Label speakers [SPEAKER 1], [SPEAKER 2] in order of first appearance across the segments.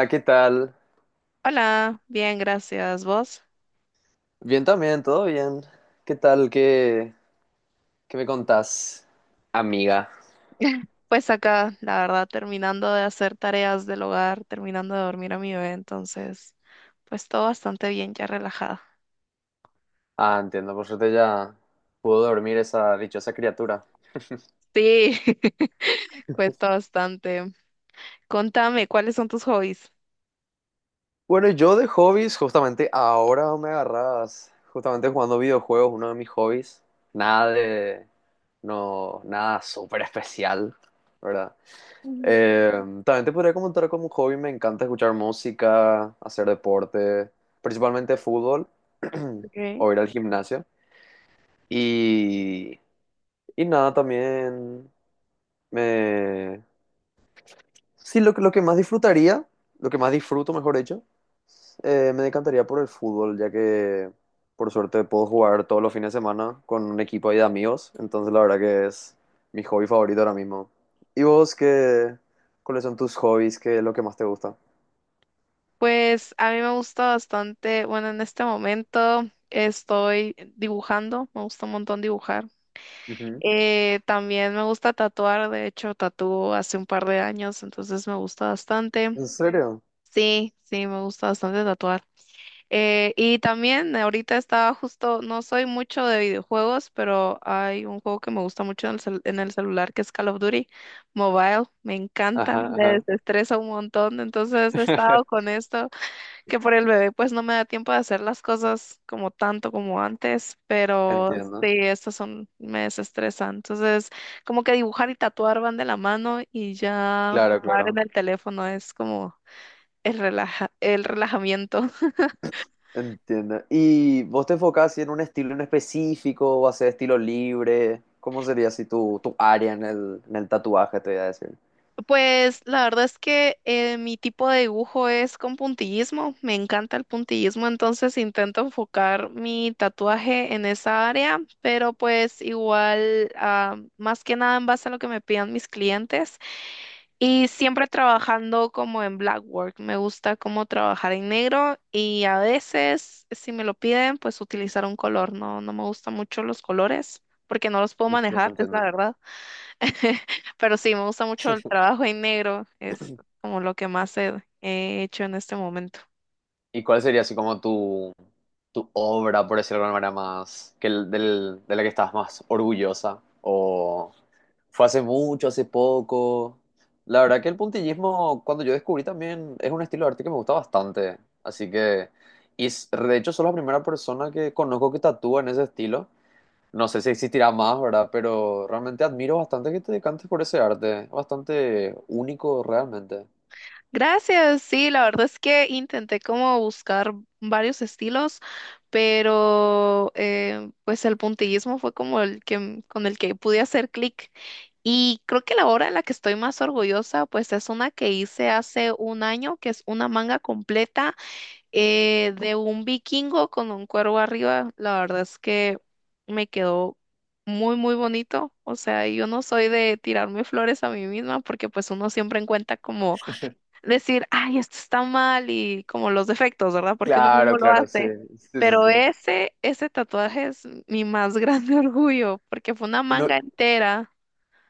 [SPEAKER 1] Hola, ¿qué tal?
[SPEAKER 2] Hola, bien, gracias. ¿Vos?
[SPEAKER 1] Bien también, todo bien. ¿Qué tal? Qué me contás, amiga?
[SPEAKER 2] Pues acá, la verdad, terminando de hacer tareas del hogar, terminando de dormir a mi bebé, entonces, pues todo bastante bien, ya relajada.
[SPEAKER 1] Ah, entiendo, por suerte ya pudo dormir esa dichosa criatura.
[SPEAKER 2] Sí, cuesta bastante. Contame, ¿cuáles son tus hobbies?
[SPEAKER 1] Bueno, yo de hobbies, justamente ahora me agarras, justamente jugando videojuegos, uno de mis hobbies. Nada de, no, nada súper especial, ¿verdad?
[SPEAKER 2] Mm.
[SPEAKER 1] Eh, también te podría comentar como un hobby, me encanta escuchar música, hacer deporte, principalmente fútbol
[SPEAKER 2] Okay.
[SPEAKER 1] o ir al gimnasio. Y, y nada, también me... Sí, lo que más disfrutaría, lo que más disfruto, mejor dicho, me decantaría por el fútbol, ya que por suerte puedo jugar todos los fines de semana con un equipo ahí de amigos, entonces la verdad que es mi hobby favorito ahora mismo. ¿Y vos qué, ¿cuáles son tus hobbies? ¿Qué es lo que más te gusta?
[SPEAKER 2] Pues a mí me gusta bastante, bueno, en este momento estoy dibujando, me gusta un montón dibujar.
[SPEAKER 1] Ujú.
[SPEAKER 2] También me gusta tatuar, de hecho, tatúo hace un par de años, entonces me gusta bastante.
[SPEAKER 1] ¿En serio?
[SPEAKER 2] Sí, sí, me gusta bastante tatuar. Y también ahorita estaba justo, no soy mucho de videojuegos, pero hay un juego que me gusta mucho en el celular que es Call of Duty Mobile. Me encanta,
[SPEAKER 1] Ajá,
[SPEAKER 2] me
[SPEAKER 1] ajá.
[SPEAKER 2] desestresa un montón. Entonces he estado con esto, que por el bebé pues no me da tiempo de hacer las cosas como tanto como antes, pero sí,
[SPEAKER 1] Entiendo.
[SPEAKER 2] estas son, me desestresan. Entonces como que dibujar y tatuar van de la mano y ya
[SPEAKER 1] Claro,
[SPEAKER 2] jugar en
[SPEAKER 1] claro.
[SPEAKER 2] el teléfono es como... El relajamiento.
[SPEAKER 1] Entiendo. ¿Y vos te enfocás así en un estilo en específico o haces estilo libre? ¿Cómo sería así tu, tu área en el tatuaje, te voy a decir?
[SPEAKER 2] Pues la verdad es que mi tipo de dibujo es con puntillismo. Me encanta el puntillismo, entonces intento enfocar mi tatuaje en esa área, pero pues igual, más que nada en base a lo que me pidan mis clientes y siempre trabajando como en black work. Me gusta como trabajar en negro y a veces, si me lo piden, pues utilizar un color. No, no me gustan mucho los colores porque no los puedo
[SPEAKER 1] Entiendo,
[SPEAKER 2] manejar, es la
[SPEAKER 1] entiendo.
[SPEAKER 2] verdad. Pero sí, me gusta mucho el trabajo en negro, es como lo que más he hecho en este momento.
[SPEAKER 1] ¿Y cuál sería así como tu obra, por decirlo de alguna manera, más, que el- del, de la que estás más orgullosa? ¿O fue hace mucho, hace poco? La verdad que el puntillismo, cuando yo descubrí también, es un estilo de arte que me gusta bastante. Así que, de hecho, soy la primera persona que conozco que tatúa en ese estilo. No sé si existirá más, ¿verdad? Pero realmente admiro bastante que te decantes por ese arte. Bastante único, realmente.
[SPEAKER 2] Gracias, sí, la verdad es que intenté como buscar varios estilos, pero pues el puntillismo fue como el que con el que pude hacer clic. Y creo que la obra en la que estoy más orgullosa, pues es una que hice hace un año, que es una manga completa. De un vikingo con un cuervo arriba, la verdad es que me quedó muy, muy bonito. O sea, yo no soy de tirarme flores a mí misma porque pues uno siempre encuentra como decir, ay, esto está mal y como los defectos, ¿verdad? Porque uno
[SPEAKER 1] Claro,
[SPEAKER 2] mismo lo
[SPEAKER 1] claro, sí.
[SPEAKER 2] hace.
[SPEAKER 1] Sí, sí,
[SPEAKER 2] Pero
[SPEAKER 1] sí.
[SPEAKER 2] ese tatuaje es mi más grande orgullo porque fue una
[SPEAKER 1] No,
[SPEAKER 2] manga entera.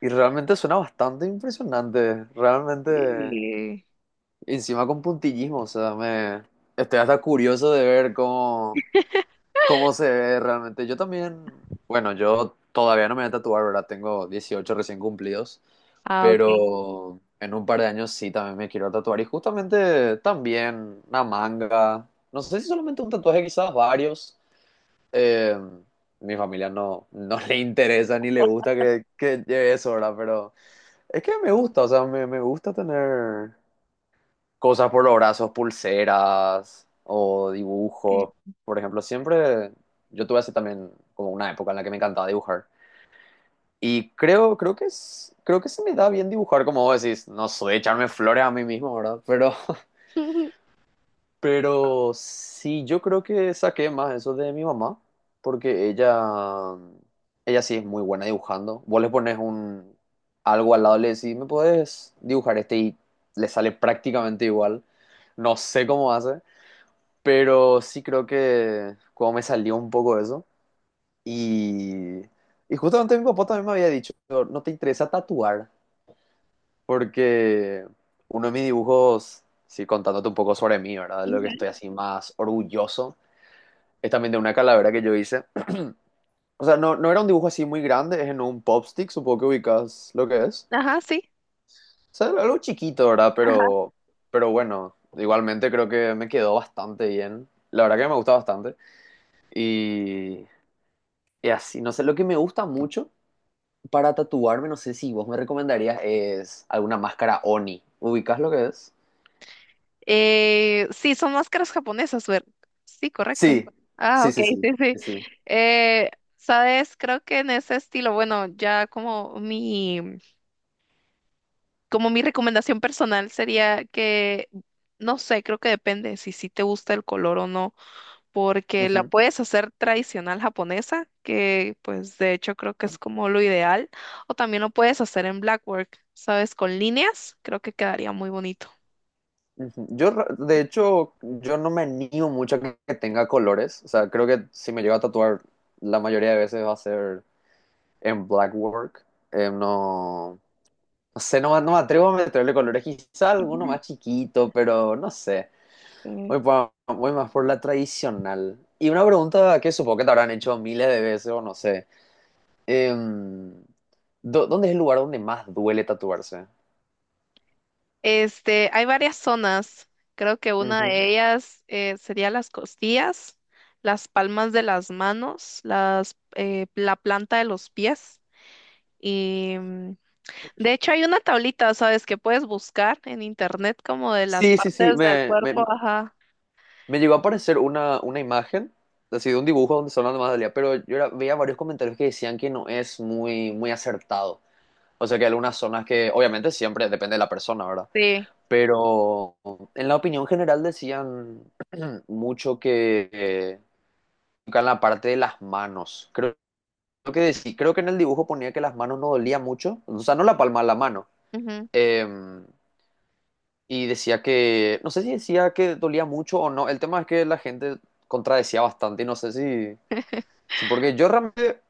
[SPEAKER 1] y realmente suena bastante impresionante. Realmente,
[SPEAKER 2] Y-
[SPEAKER 1] encima con puntillismo, o sea, me estoy hasta curioso de ver cómo se ve realmente. Yo también, bueno, yo todavía no me voy a tatuar, ¿verdad? Tengo 18 recién cumplidos,
[SPEAKER 2] Ah, ok.
[SPEAKER 1] pero en un par de años sí también me quiero tatuar y justamente también una manga. No sé si solamente un tatuaje, quizás varios. Eh, mi familia no le interesa ni le gusta que lleve eso, ¿verdad? Pero es que me gusta, o sea, me gusta tener cosas por los brazos, pulseras o
[SPEAKER 2] Eh,
[SPEAKER 1] dibujos. Por ejemplo, siempre yo tuve así también como una época en la que me encantaba dibujar. Y creo que se me da bien dibujar, como vos decís, no soy echarme flores a mí mismo, ¿verdad? Pero, pero sí, yo creo que saqué más eso de mi mamá, porque ella sí es muy buena dibujando. Vos le pones algo al lado, le decís, ¿me puedes dibujar este? Y le sale prácticamente igual. No sé cómo hace. Pero sí creo que como me salió un poco eso. Y, y justamente mi papá también me había dicho, no te interesa tatuar, porque uno de mis dibujos, sí, contándote un poco sobre mí, ¿verdad? Lo que estoy así más orgulloso, es también de una calavera que yo hice. O sea, no era un dibujo así muy grande, es en un pop stick, supongo que ubicas lo que es.
[SPEAKER 2] Ajá, sí.
[SPEAKER 1] O sea, algo chiquito, ¿verdad? Pero bueno, igualmente creo que me quedó bastante bien. La verdad que me gusta bastante. Y, Y así, no sé, lo que me gusta mucho para tatuarme, no sé si vos me recomendarías, es alguna máscara Oni. ¿Ubicás lo que es?
[SPEAKER 2] Sí, son máscaras japonesas, ver. Sí, correcto.
[SPEAKER 1] Sí,
[SPEAKER 2] Ah,
[SPEAKER 1] sí,
[SPEAKER 2] ok,
[SPEAKER 1] sí, sí,
[SPEAKER 2] sí, sí.
[SPEAKER 1] sí, sí.
[SPEAKER 2] Eh, sabes, creo que en ese estilo, bueno, ya como mi recomendación personal sería que, no sé, creo que depende si sí te gusta el color o no, porque la
[SPEAKER 1] Ujú,
[SPEAKER 2] puedes hacer tradicional japonesa, que pues de hecho creo que es como lo ideal, o también lo puedes hacer en blackwork, sabes, con líneas, creo que quedaría muy bonito.
[SPEAKER 1] ujú. Yo, de hecho, yo no me animo mucho a que tenga colores. O sea, creo que si me llego a tatuar, la mayoría de veces va a ser en black work. Eh, no, no sé, no, no me atrevo a meterle colores. Quizá alguno más chiquito, pero no sé.
[SPEAKER 2] Ujú.
[SPEAKER 1] Voy más por la tradicional. Y una pregunta que supongo que te habrán hecho miles de veces o no sé. Em, ¿Dónde es el lugar donde más duele tatuarse?
[SPEAKER 2] Hay varias zonas. Creo que una
[SPEAKER 1] Ujú.
[SPEAKER 2] de ellas sería las costillas, las palmas de las manos, la planta de los pies. Y de hecho hay una tablita, ¿sabes? Que puedes buscar en internet como de las
[SPEAKER 1] Sí, sí, sí.
[SPEAKER 2] partes del cuerpo. Ajá.
[SPEAKER 1] Me llegó a aparecer una imagen, así de un dibujo donde son las más dolía, pero veía varios comentarios que decían que no es muy, muy acertado. O sea, que hay algunas zonas que, obviamente, siempre depende de la persona, ¿verdad?
[SPEAKER 2] Sí.
[SPEAKER 1] Pero en la opinión general decían mucho que nunca en la parte de las manos. Creo que en el dibujo ponía que las manos no dolía mucho, o sea, no la palma, la mano.
[SPEAKER 2] Ujú.
[SPEAKER 1] Eh, y decía que, no sé si decía que dolía mucho o no. El tema es que la gente contradecía bastante y no sé si, o sea, porque yo realmente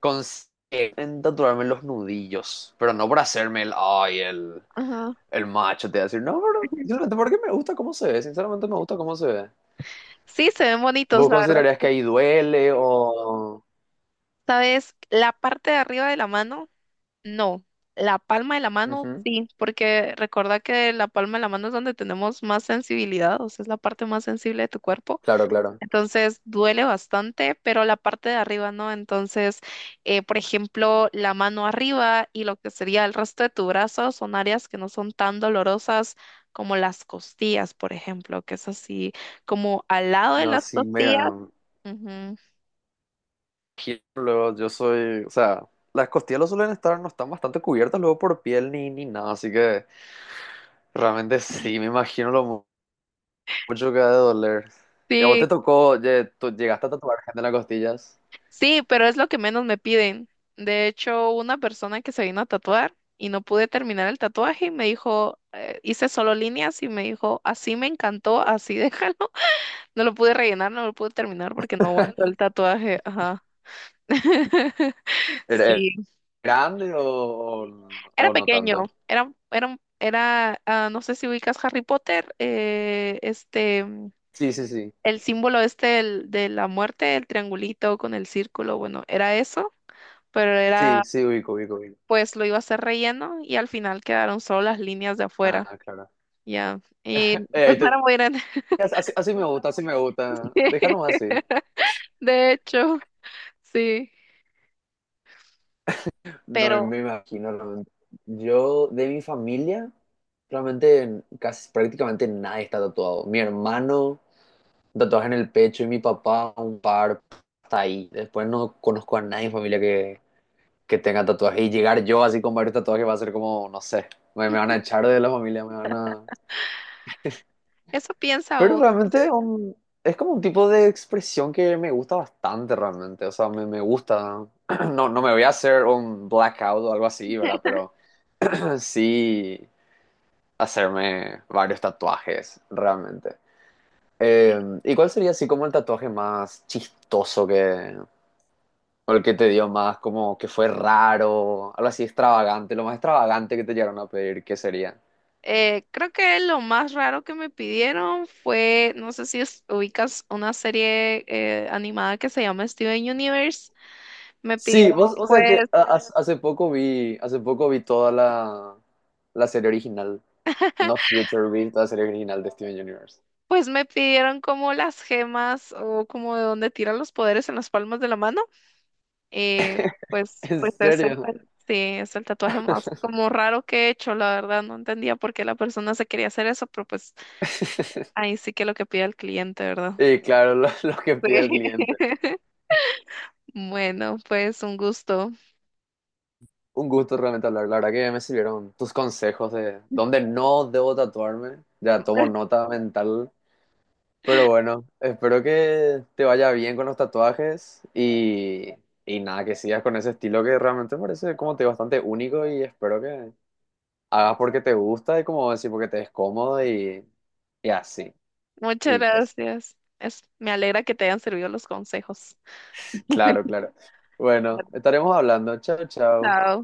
[SPEAKER 1] consigo en tatuarme los nudillos, pero no por hacerme
[SPEAKER 2] Ajá.
[SPEAKER 1] el macho, te voy a decir, no, pero simplemente porque me gusta cómo se ve, sinceramente me gusta cómo se ve.
[SPEAKER 2] Sí, se ven bonitos,
[SPEAKER 1] ¿Vos
[SPEAKER 2] la verdad.
[SPEAKER 1] considerarías que ahí duele o...?
[SPEAKER 2] ¿Sabes? La parte de arriba de la mano. No, la palma de la mano
[SPEAKER 1] Ujú,
[SPEAKER 2] sí, porque recuerda que la palma de la mano es donde tenemos más sensibilidad, o sea, es la parte más sensible de tu cuerpo.
[SPEAKER 1] claro, claro.
[SPEAKER 2] Entonces duele bastante, pero la parte de arriba no. Entonces, por ejemplo, la mano arriba y lo que sería el resto de tu brazo son áreas que no son tan dolorosas como las costillas, por ejemplo, que es así como al lado de
[SPEAKER 1] No,
[SPEAKER 2] las
[SPEAKER 1] sí, me
[SPEAKER 2] costillas. Ujú.
[SPEAKER 1] luego yo soy, o sea, las costillas lo suelen estar, no están bastante cubiertas luego por piel ni nada, así que realmente sí, me imagino mucho que ha de doler. ¿Y a vos
[SPEAKER 2] Sí.
[SPEAKER 1] te tocó, oye, tú llegaste a tatuar gente en las costillas?
[SPEAKER 2] Sí, pero es lo que menos me piden. De hecho, una persona que se vino a tatuar y no pude terminar el tatuaje y me dijo, hice solo líneas y me dijo, así me encantó, así déjalo. No lo pude rellenar, no lo pude terminar porque no aguantó el tatuaje. Ajá.
[SPEAKER 1] ¿Era
[SPEAKER 2] Sí,
[SPEAKER 1] grande o
[SPEAKER 2] era
[SPEAKER 1] no tanto?
[SPEAKER 2] pequeño, era, era, un- era, ah, no sé si ubicas Harry Potter,
[SPEAKER 1] Sí, sí, sí,
[SPEAKER 2] el símbolo este de la muerte, el triangulito con el círculo, bueno, era eso, pero
[SPEAKER 1] sí,
[SPEAKER 2] era
[SPEAKER 1] sí, ubico, ubico, ubico.
[SPEAKER 2] pues lo iba a hacer relleno y al final quedaron solo las líneas de afuera.
[SPEAKER 1] Ah, claro.
[SPEAKER 2] Ya. Y pues
[SPEAKER 1] Eh,
[SPEAKER 2] no era
[SPEAKER 1] te-
[SPEAKER 2] muy grande.
[SPEAKER 1] así, así me gusta, así me gusta. Déjanos así.
[SPEAKER 2] De hecho, sí.
[SPEAKER 1] No
[SPEAKER 2] Pero
[SPEAKER 1] me imagino, realmente. Yo, de mi familia, realmente casi prácticamente nadie está tatuado. Mi hermano, tatuaje en el pecho, y mi papá, un par, hasta ahí. Después no conozco a nadie en familia que tenga tatuaje. Y llegar yo así con varios tatuajes va a ser como, no sé, me van a echar de la familia, me van a...
[SPEAKER 2] eso piensa
[SPEAKER 1] Pero
[SPEAKER 2] uno.
[SPEAKER 1] realmente es como un tipo de expresión que me gusta bastante realmente. O sea, me gusta. No, no me voy a hacer un blackout o algo así, ¿verdad? Pero sí, hacerme varios tatuajes, realmente. ¿Y cuál sería así como el tatuaje más chistoso que... o el que te dio más como que fue raro, algo así extravagante, lo más extravagante que te llegaron a pedir, qué sería?
[SPEAKER 2] Creo que lo más raro que me pidieron fue, no sé si ubicas una serie animada que se llama Steven Universe. Me
[SPEAKER 1] Sí,
[SPEAKER 2] pidieron,
[SPEAKER 1] vos, o sea que
[SPEAKER 2] pues,
[SPEAKER 1] hace poco vi toda la, la serie original, No Future, vi toda la serie original de Steven Universe.
[SPEAKER 2] me pidieron como las gemas o como de dónde tiran los poderes en las palmas de la mano. Y pues,
[SPEAKER 1] ¿En
[SPEAKER 2] pues es el,
[SPEAKER 1] serio?
[SPEAKER 2] ta- sí, es el tatuaje más como raro que he hecho, la verdad. No entendía por qué la persona se quería hacer eso, pero pues ahí sí que lo que pide el cliente, ¿verdad?
[SPEAKER 1] Y claro, lo que
[SPEAKER 2] Sí.
[SPEAKER 1] pide el cliente.
[SPEAKER 2] Bueno, pues un gusto.
[SPEAKER 1] Un gusto realmente hablar. La verdad que me sirvieron tus consejos de dónde no debo tatuarme. Ya tomo nota mental. Pero bueno, espero que te vaya bien con los tatuajes y nada, que sigas con ese estilo que realmente me parece como te digo, bastante único y espero que hagas porque te gusta y como decir porque te es cómodo y así.
[SPEAKER 2] Muchas
[SPEAKER 1] Y es,
[SPEAKER 2] gracias. Me alegra que te hayan servido los consejos.
[SPEAKER 1] claro, claro. Bueno, estaremos hablando. Chao, chao.
[SPEAKER 2] Chao.